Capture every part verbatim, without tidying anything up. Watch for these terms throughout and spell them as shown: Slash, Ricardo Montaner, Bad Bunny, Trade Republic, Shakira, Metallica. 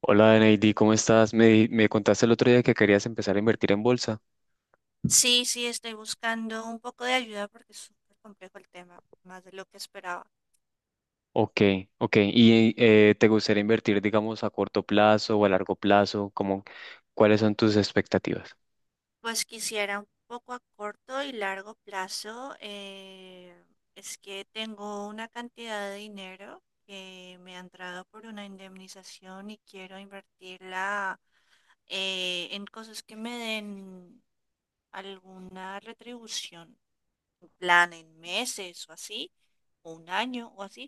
Hola, Neidi, ¿cómo estás? Me, me contaste el otro día que querías empezar a invertir en bolsa. Sí, sí, estoy buscando un poco de ayuda porque es súper complejo el tema, más de lo que esperaba. Ok, ok. ¿Y eh, te gustaría invertir, digamos, a corto plazo o a largo plazo? ¿Cómo, cuáles son tus expectativas? Pues quisiera un poco a corto y largo plazo. Eh, es que tengo una cantidad de dinero que me ha entrado por una indemnización y quiero invertirla eh, en cosas que me den alguna retribución. Un plan en meses o así, o un año o así,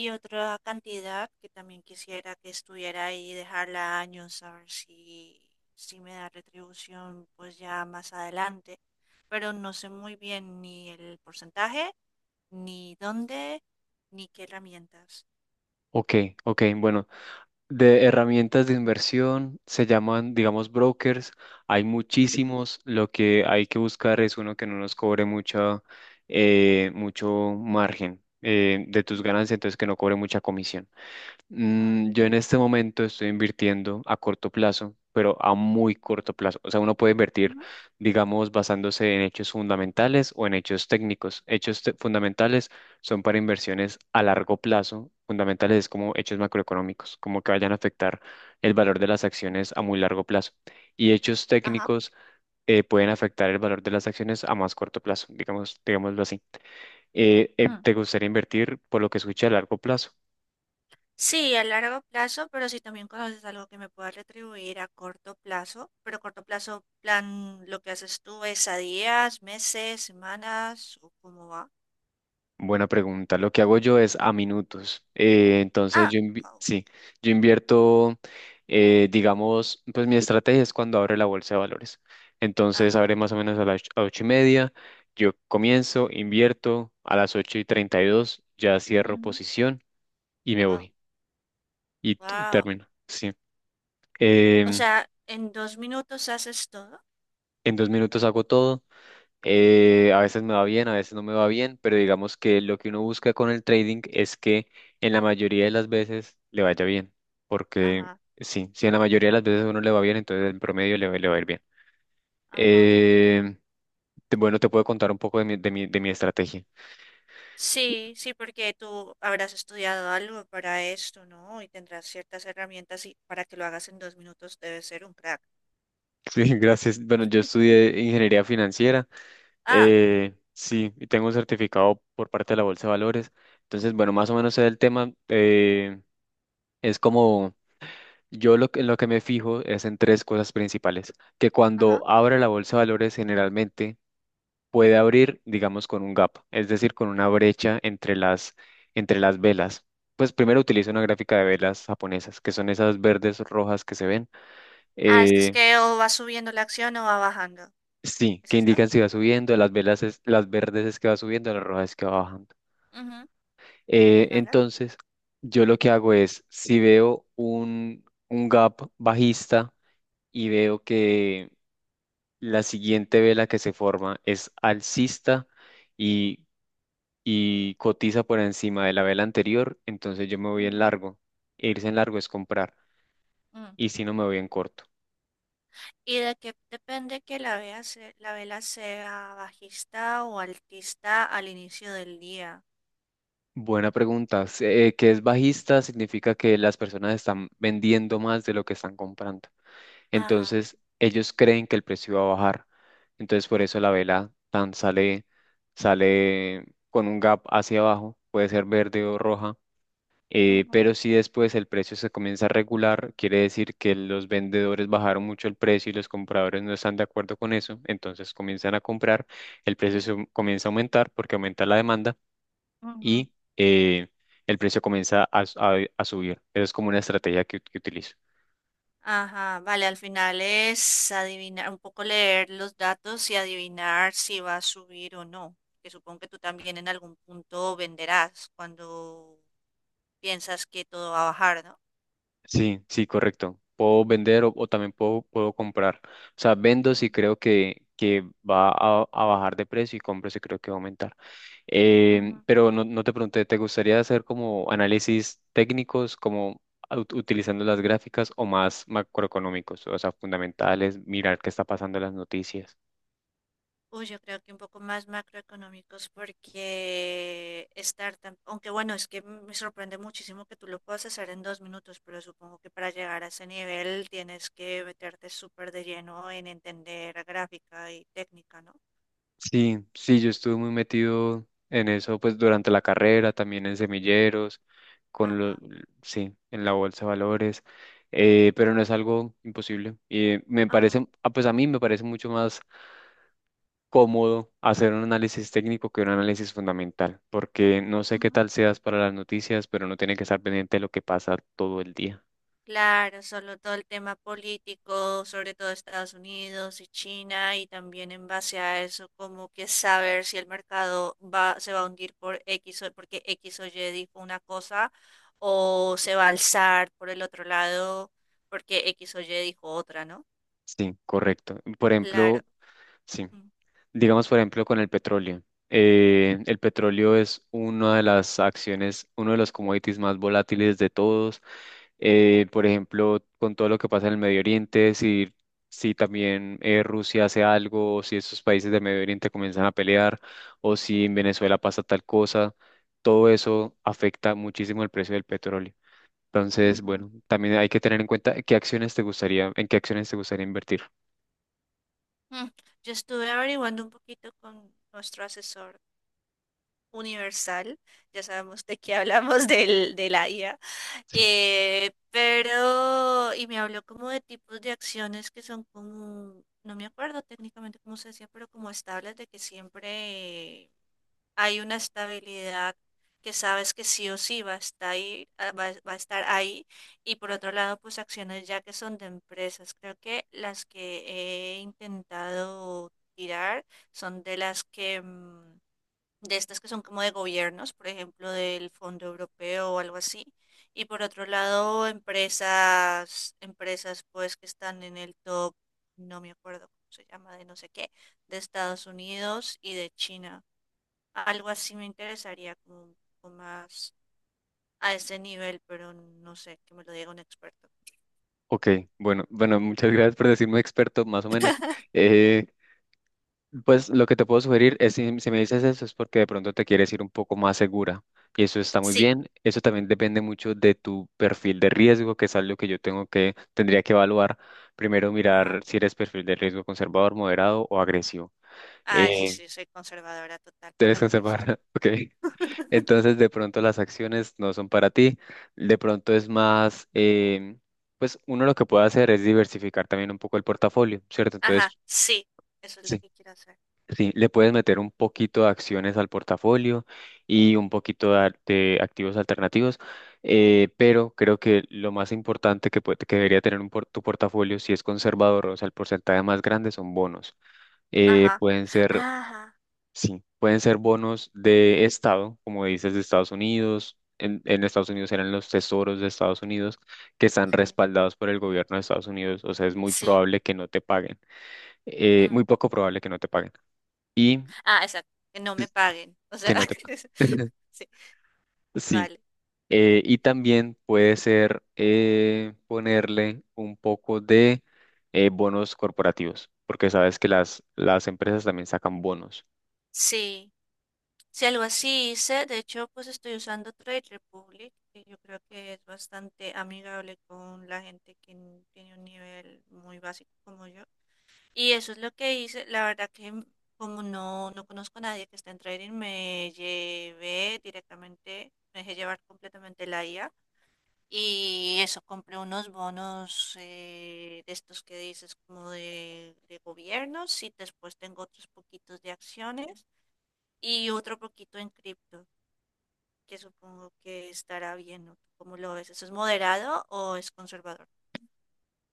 y otra cantidad que también quisiera que estuviera ahí y dejarla años a ver si, si me da retribución pues ya más adelante, pero no sé muy bien ni el porcentaje, ni dónde, ni qué herramientas. Ok, ok. Bueno, de herramientas de inversión se llaman, digamos, brokers. Hay Ujú, muchísimos. Lo que hay que buscar es uno que no nos cobre mucha, eh, mucho margen eh, de tus ujú, ganancias, entonces que no cobre mucha comisión. ujú, Mm, yo en este momento estoy invirtiendo a corto plazo, pero a muy corto plazo. O sea, uno puede invertir, ujú, digamos, basándose en hechos fundamentales o en hechos técnicos. Hechos te- fundamentales son para inversiones a largo plazo. Fundamentales es como hechos macroeconómicos, como que vayan a afectar el valor de las ujú. acciones a muy largo plazo. Y hechos Ajá. técnicos eh, pueden afectar el valor de las acciones a más corto plazo, digamos, digámoslo así. Eh, eh, ¿te gustaría invertir por lo que escuché a largo plazo? Sí, a largo plazo, pero si también conoces algo que me pueda retribuir a corto plazo, pero corto plazo, plan, lo que haces tú es a días, meses, semanas, o cómo va. Buena pregunta. Lo que hago yo es a minutos. Eh, entonces Ah, yo invi- wow, sí, yo invierto, eh, digamos, pues mi estrategia es cuando abre la bolsa de valores. Entonces ajá, abre más o menos a las och- a ocho y media. Yo comienzo, invierto a las ocho y treinta y dos, ya cierro ujú, posición y me wow, voy. Y t- wow. termino. Sí. O Em, sea, ¿en dos minutos haces todo? en dos minutos hago todo. Eh, a veces me va bien, a veces no me va bien, pero digamos que lo que uno busca con el trading es que en la mayoría de las veces le vaya bien, porque Ajá, sí, si en la mayoría de las veces a uno le va bien, entonces en promedio le, va- le va a ir bien. ajá. Eh, te- bueno, te puedo contar un poco de mi, de mi, de mi estrategia. Sí, sí, porque tú habrás estudiado algo para esto, ¿no? Y tendrás ciertas herramientas y para que lo hagas en dos minutos debes ser un crack. Sí, gracias. Bueno, yo estudié ingeniería financiera, Ah, eh, sí, y tengo un certificado por parte de la Bolsa de Valores, entonces, bueno, más o menos sé del tema, eh, es como... Yo lo que, en lo que me fijo es en tres cosas principales, que wow. cuando abre la bolsa de valores generalmente puede abrir, digamos, con un gap, es decir, con una brecha entre las, entre las velas. Pues primero utilizo una gráfica de velas japonesas, que son esas verdes rojas que se ven. Ah, ¿esto es eh, que o va subiendo la acción o va bajando? sí, ¿Es que esto? indican si va subiendo, las velas es- las verdes es que va subiendo, las rojas es que va bajando. Ujú. Eh, Vale. entonces, yo lo que hago es, si veo un, un gap bajista y veo que la siguiente vela que se forma es alcista y, y cotiza por encima de la vela anterior, entonces yo me voy en Ujú, largo. E Irse en largo es comprar mm. y si no me voy en corto. ¿Y de que depende que la vela, se- la vela sea bajista o altista al inicio del día? Buena pregunta. Se- eh, que es bajista significa que las personas están vendiendo más de lo que están comprando. Ajá. Entonces ellos creen que el precio va a bajar. Entonces por Ah, eso la vela tan sale, sale con un gap hacia abajo, puede ser verde o roja. Eh, ujú, pero si después el precio se comienza a regular, quiere decir que los vendedores bajaron mucho el precio y los compradores no están de acuerdo con eso, entonces comienzan a comprar, el precio se comienza a aumentar porque aumenta la demanda ujú. y eh, el precio comienza a, s- a- a subir. Esa es como una estrategia que, que utilizo. Ajá, vale, al final es adivinar, un poco leer los datos y adivinar si va a subir o no. Que supongo que tú también en algún punto venderás cuando piensas que todo va a bajar, ¿no? Sí, sí, correcto. Puedo vender o, o también puedo, puedo comprar. O sea, vendo si Ujú. creo que, que va a, a bajar de precio y compro si creo que va a aumentar. Em, pero no, no te pregunté, ¿te gustaría hacer como análisis técnicos, como ut- utilizando las gráficas o más macroeconómicos, o sea, fundamentales, mirar qué está pasando en las noticias? Uy, yo creo que un poco más macroeconómicos porque estar tan, aunque bueno, es que me sorprende muchísimo que tú lo puedas hacer en dos minutos, pero supongo que para llegar a ese nivel tienes que meterte súper de lleno en entender gráfica y técnica, ¿no? Sí, sí, yo estuve muy metido en eso, pues durante la carrera, también en semilleros, con lo, Ajá, sí, en la bolsa de valores, eh, pero no es algo imposible. Y me ajá. parece, ah, pues a mí me parece mucho más cómodo hacer un análisis técnico que un análisis fundamental, porque no sé qué Ujú. tal seas para las noticias, pero no tiene que estar pendiente de lo que pasa todo el día. Claro, solo todo el tema político, sobre todo Estados Unidos y China, y también en base a eso, como que saber si el mercado va, se va a hundir por X o porque X o Y dijo una cosa o se va a alzar por el otro lado porque X o Y dijo otra, ¿no? Sí, correcto. Por Claro. ejemplo, sí. Mm, Digamos, por ejemplo, con el petróleo. Eh, el petróleo es una de las acciones, uno de los commodities más volátiles de todos. Eh, por ejemplo, con todo lo que pasa en el Medio Oriente, si, si también eh, Rusia hace algo, o si esos países del Medio Oriente comienzan a pelear, o si en Venezuela pasa tal cosa, todo eso afecta muchísimo el precio del petróleo. Entonces, ujú. bueno, también hay que tener en cuenta qué acciones te gustaría, en qué acciones te gustaría invertir. Mm. Yo estuve averiguando un poquito con nuestro asesor universal, ya sabemos de qué hablamos del, de la I A, eh, pero, y me habló como de tipos de acciones que son como, no me acuerdo técnicamente cómo se decía, pero como estables de que siempre hay una estabilidad que sabes que sí o sí va a estar ahí, ah, va, va a estar ahí. Y por otro lado, pues acciones ya que son de empresas. Creo que las que he intentado tirar son de las que, mm, de estas que son como de gobiernos, por ejemplo, del Fondo Europeo o algo así. Y por otro lado, empresas, empresas pues que están en el top, no me acuerdo cómo se llama, de no sé qué, de Estados Unidos y de China. Algo así me interesaría como un poco más a ese nivel, pero no sé, que me lo diga un experto. Ok, bueno, bueno, muchas gracias por decirme experto, más o menos. Eh, pues lo que te puedo sugerir es si, si me dices eso es porque de pronto te quieres ir un poco más segura y eso está muy Sí. bien. Eso también depende mucho de tu perfil de riesgo, que es algo que yo tengo que, tendría que evaluar. Primero Ajá. mirar si eres perfil de riesgo conservador, moderado o agresivo. Ay, Eh, sí, soy conservadora total por- ¿eres al conservador? principio. Ok. Entonces, de pronto las acciones no son para ti. De pronto es más, em, pues uno lo que puede hacer es diversificar también un poco el portafolio, ¿cierto? Ajá, Entonces, sí, eso es lo sí, que quiero hacer. sí, le puedes meter un poquito de acciones al portafolio y un poquito de, ar- de activos alternativos, eh, pero creo que lo más importante que, puede- que debería tener un por- tu portafolio, si es conservador, o sea, el porcentaje más grande son bonos. Eh, Ajá, pueden ser ajá, Sí, pueden ser bonos de estado, como dices, de Estados Unidos. En, en Estados Unidos eran los tesoros de Estados Unidos que están sí, respaldados por el gobierno de Estados Unidos. O sea, es muy sí. probable que no te paguen. Eh, mm. muy poco probable que no te paguen. Y Ah, exacto, que no me paguen. O que sea, no te paguen. sí, Sí. vale. eh, y también puede ser eh, ponerle un poco de eh, bonos corporativos, porque sabes que las, las empresas también sacan bonos. Sí. Si algo así hice, de hecho, pues estoy usando Trade Republic, que yo creo que es bastante amigable con la gente que n- tiene un nivel muy básico como yo. Y eso es lo que hice. La verdad que m- como no, no conozco a nadie que esté en trading, me llevé directamente, me dejé llevar completamente la I A. Y eso, compré unos bonos eh, de estos que dices como de, de gobiernos y después tengo otros poquitos de acciones y otro poquito en cripto que supongo que estará bien, ¿no? ¿Cómo lo ves? ¿Eso es moderado o es conservador?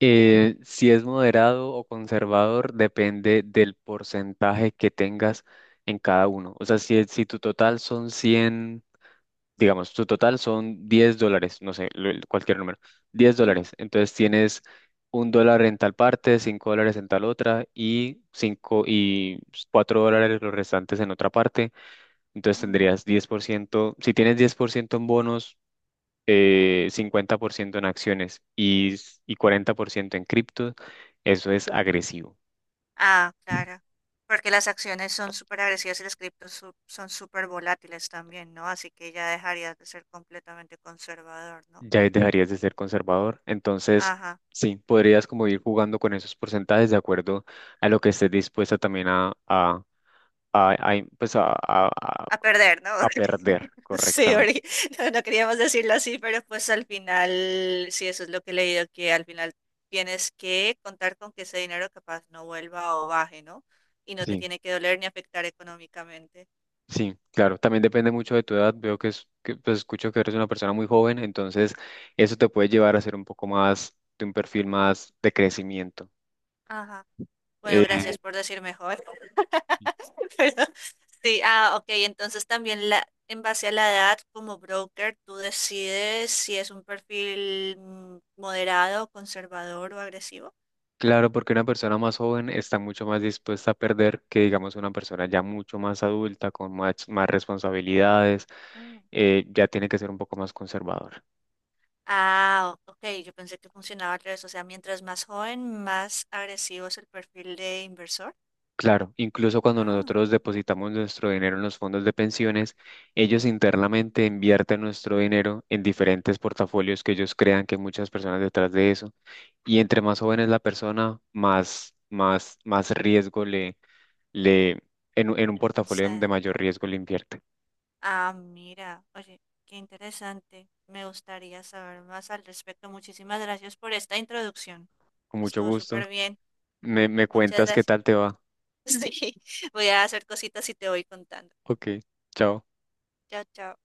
Eh, si es moderado o conservador, depende del porcentaje que tengas en cada uno. O sea, si, si tu total son cien, digamos, tu total son diez dólares, no sé, lo- cualquier número, diez Ujú, dólares. Entonces tienes un dólar en tal parte, cinco dólares en tal otra y, cinco y cuatro dólares los restantes en otra parte. Entonces ujú. tendrías diez por ciento. Si tienes diez por ciento en bonos, eh, cincuenta por ciento en acciones y, s- y cuarenta por ciento en cripto, eso es agresivo. Ah, claro. Porque las acciones son súper agresivas y las criptos su- son súper volátiles también, ¿no? Así que ya dejarías de ser completamente conservador, ¿no? Ya ahí dejarías de ser conservador. Entonces, Ajá. sí, podrías como ir jugando con esos porcentajes de acuerdo a lo que estés dispuesta también a, a, a- a in- pues a, a- a- A perder, ¿no? a perder Sí, correctamente. porque no, no queríamos decirlo así, pero pues al final, sí, eso es lo que he leído, que al final tienes que contar con que ese dinero capaz no vuelva o baje, ¿no? Y no te Sí, tiene que doler ni afectar económicamente. sí, claro. También depende mucho de tu edad. Veo que, es, que pues, escucho que eres una persona muy joven, entonces eso te puede llevar a ser un poco más de un perfil más de crecimiento. Ajá. Bueno, Eh, gracias por decir mejor. Pero, sí, ah, ok, entonces también la, en base a la edad, como broker, tú decides si es un perfil mm, moderado, conservador o agresivo. Claro, porque una persona más joven está mucho más dispuesta a perder que, digamos, una persona ya mucho más adulta, con más, más responsabilidades, Mm. eh, ya tiene que ser un poco más conservador. Ah, o- ok, yo pensé que funcionaba al revés, o sea, mientras más joven, más agresivo es el perfil de inversor. Claro, incluso cuando Ah, nosotros depositamos nuestro dinero en los fondos de pensiones, ellos internamente invierten nuestro dinero en diferentes portafolios que ellos crean que hay muchas personas detrás de eso. Y entre más joven es la persona, más, más, más riesgo le, le, en, un- en un le portafolio de conceden. mayor riesgo le invierte. Ah, mira, oye, qué interesante. Me gustaría saber más al respecto. Muchísimas gracias por esta introducción. Con mucho Estuvo gusto. súper bien. Me, me Muchas cuentas qué gracias. tal te va. Sí, voy a hacer cositas y te voy contando. Ok, chao. Chao, chao.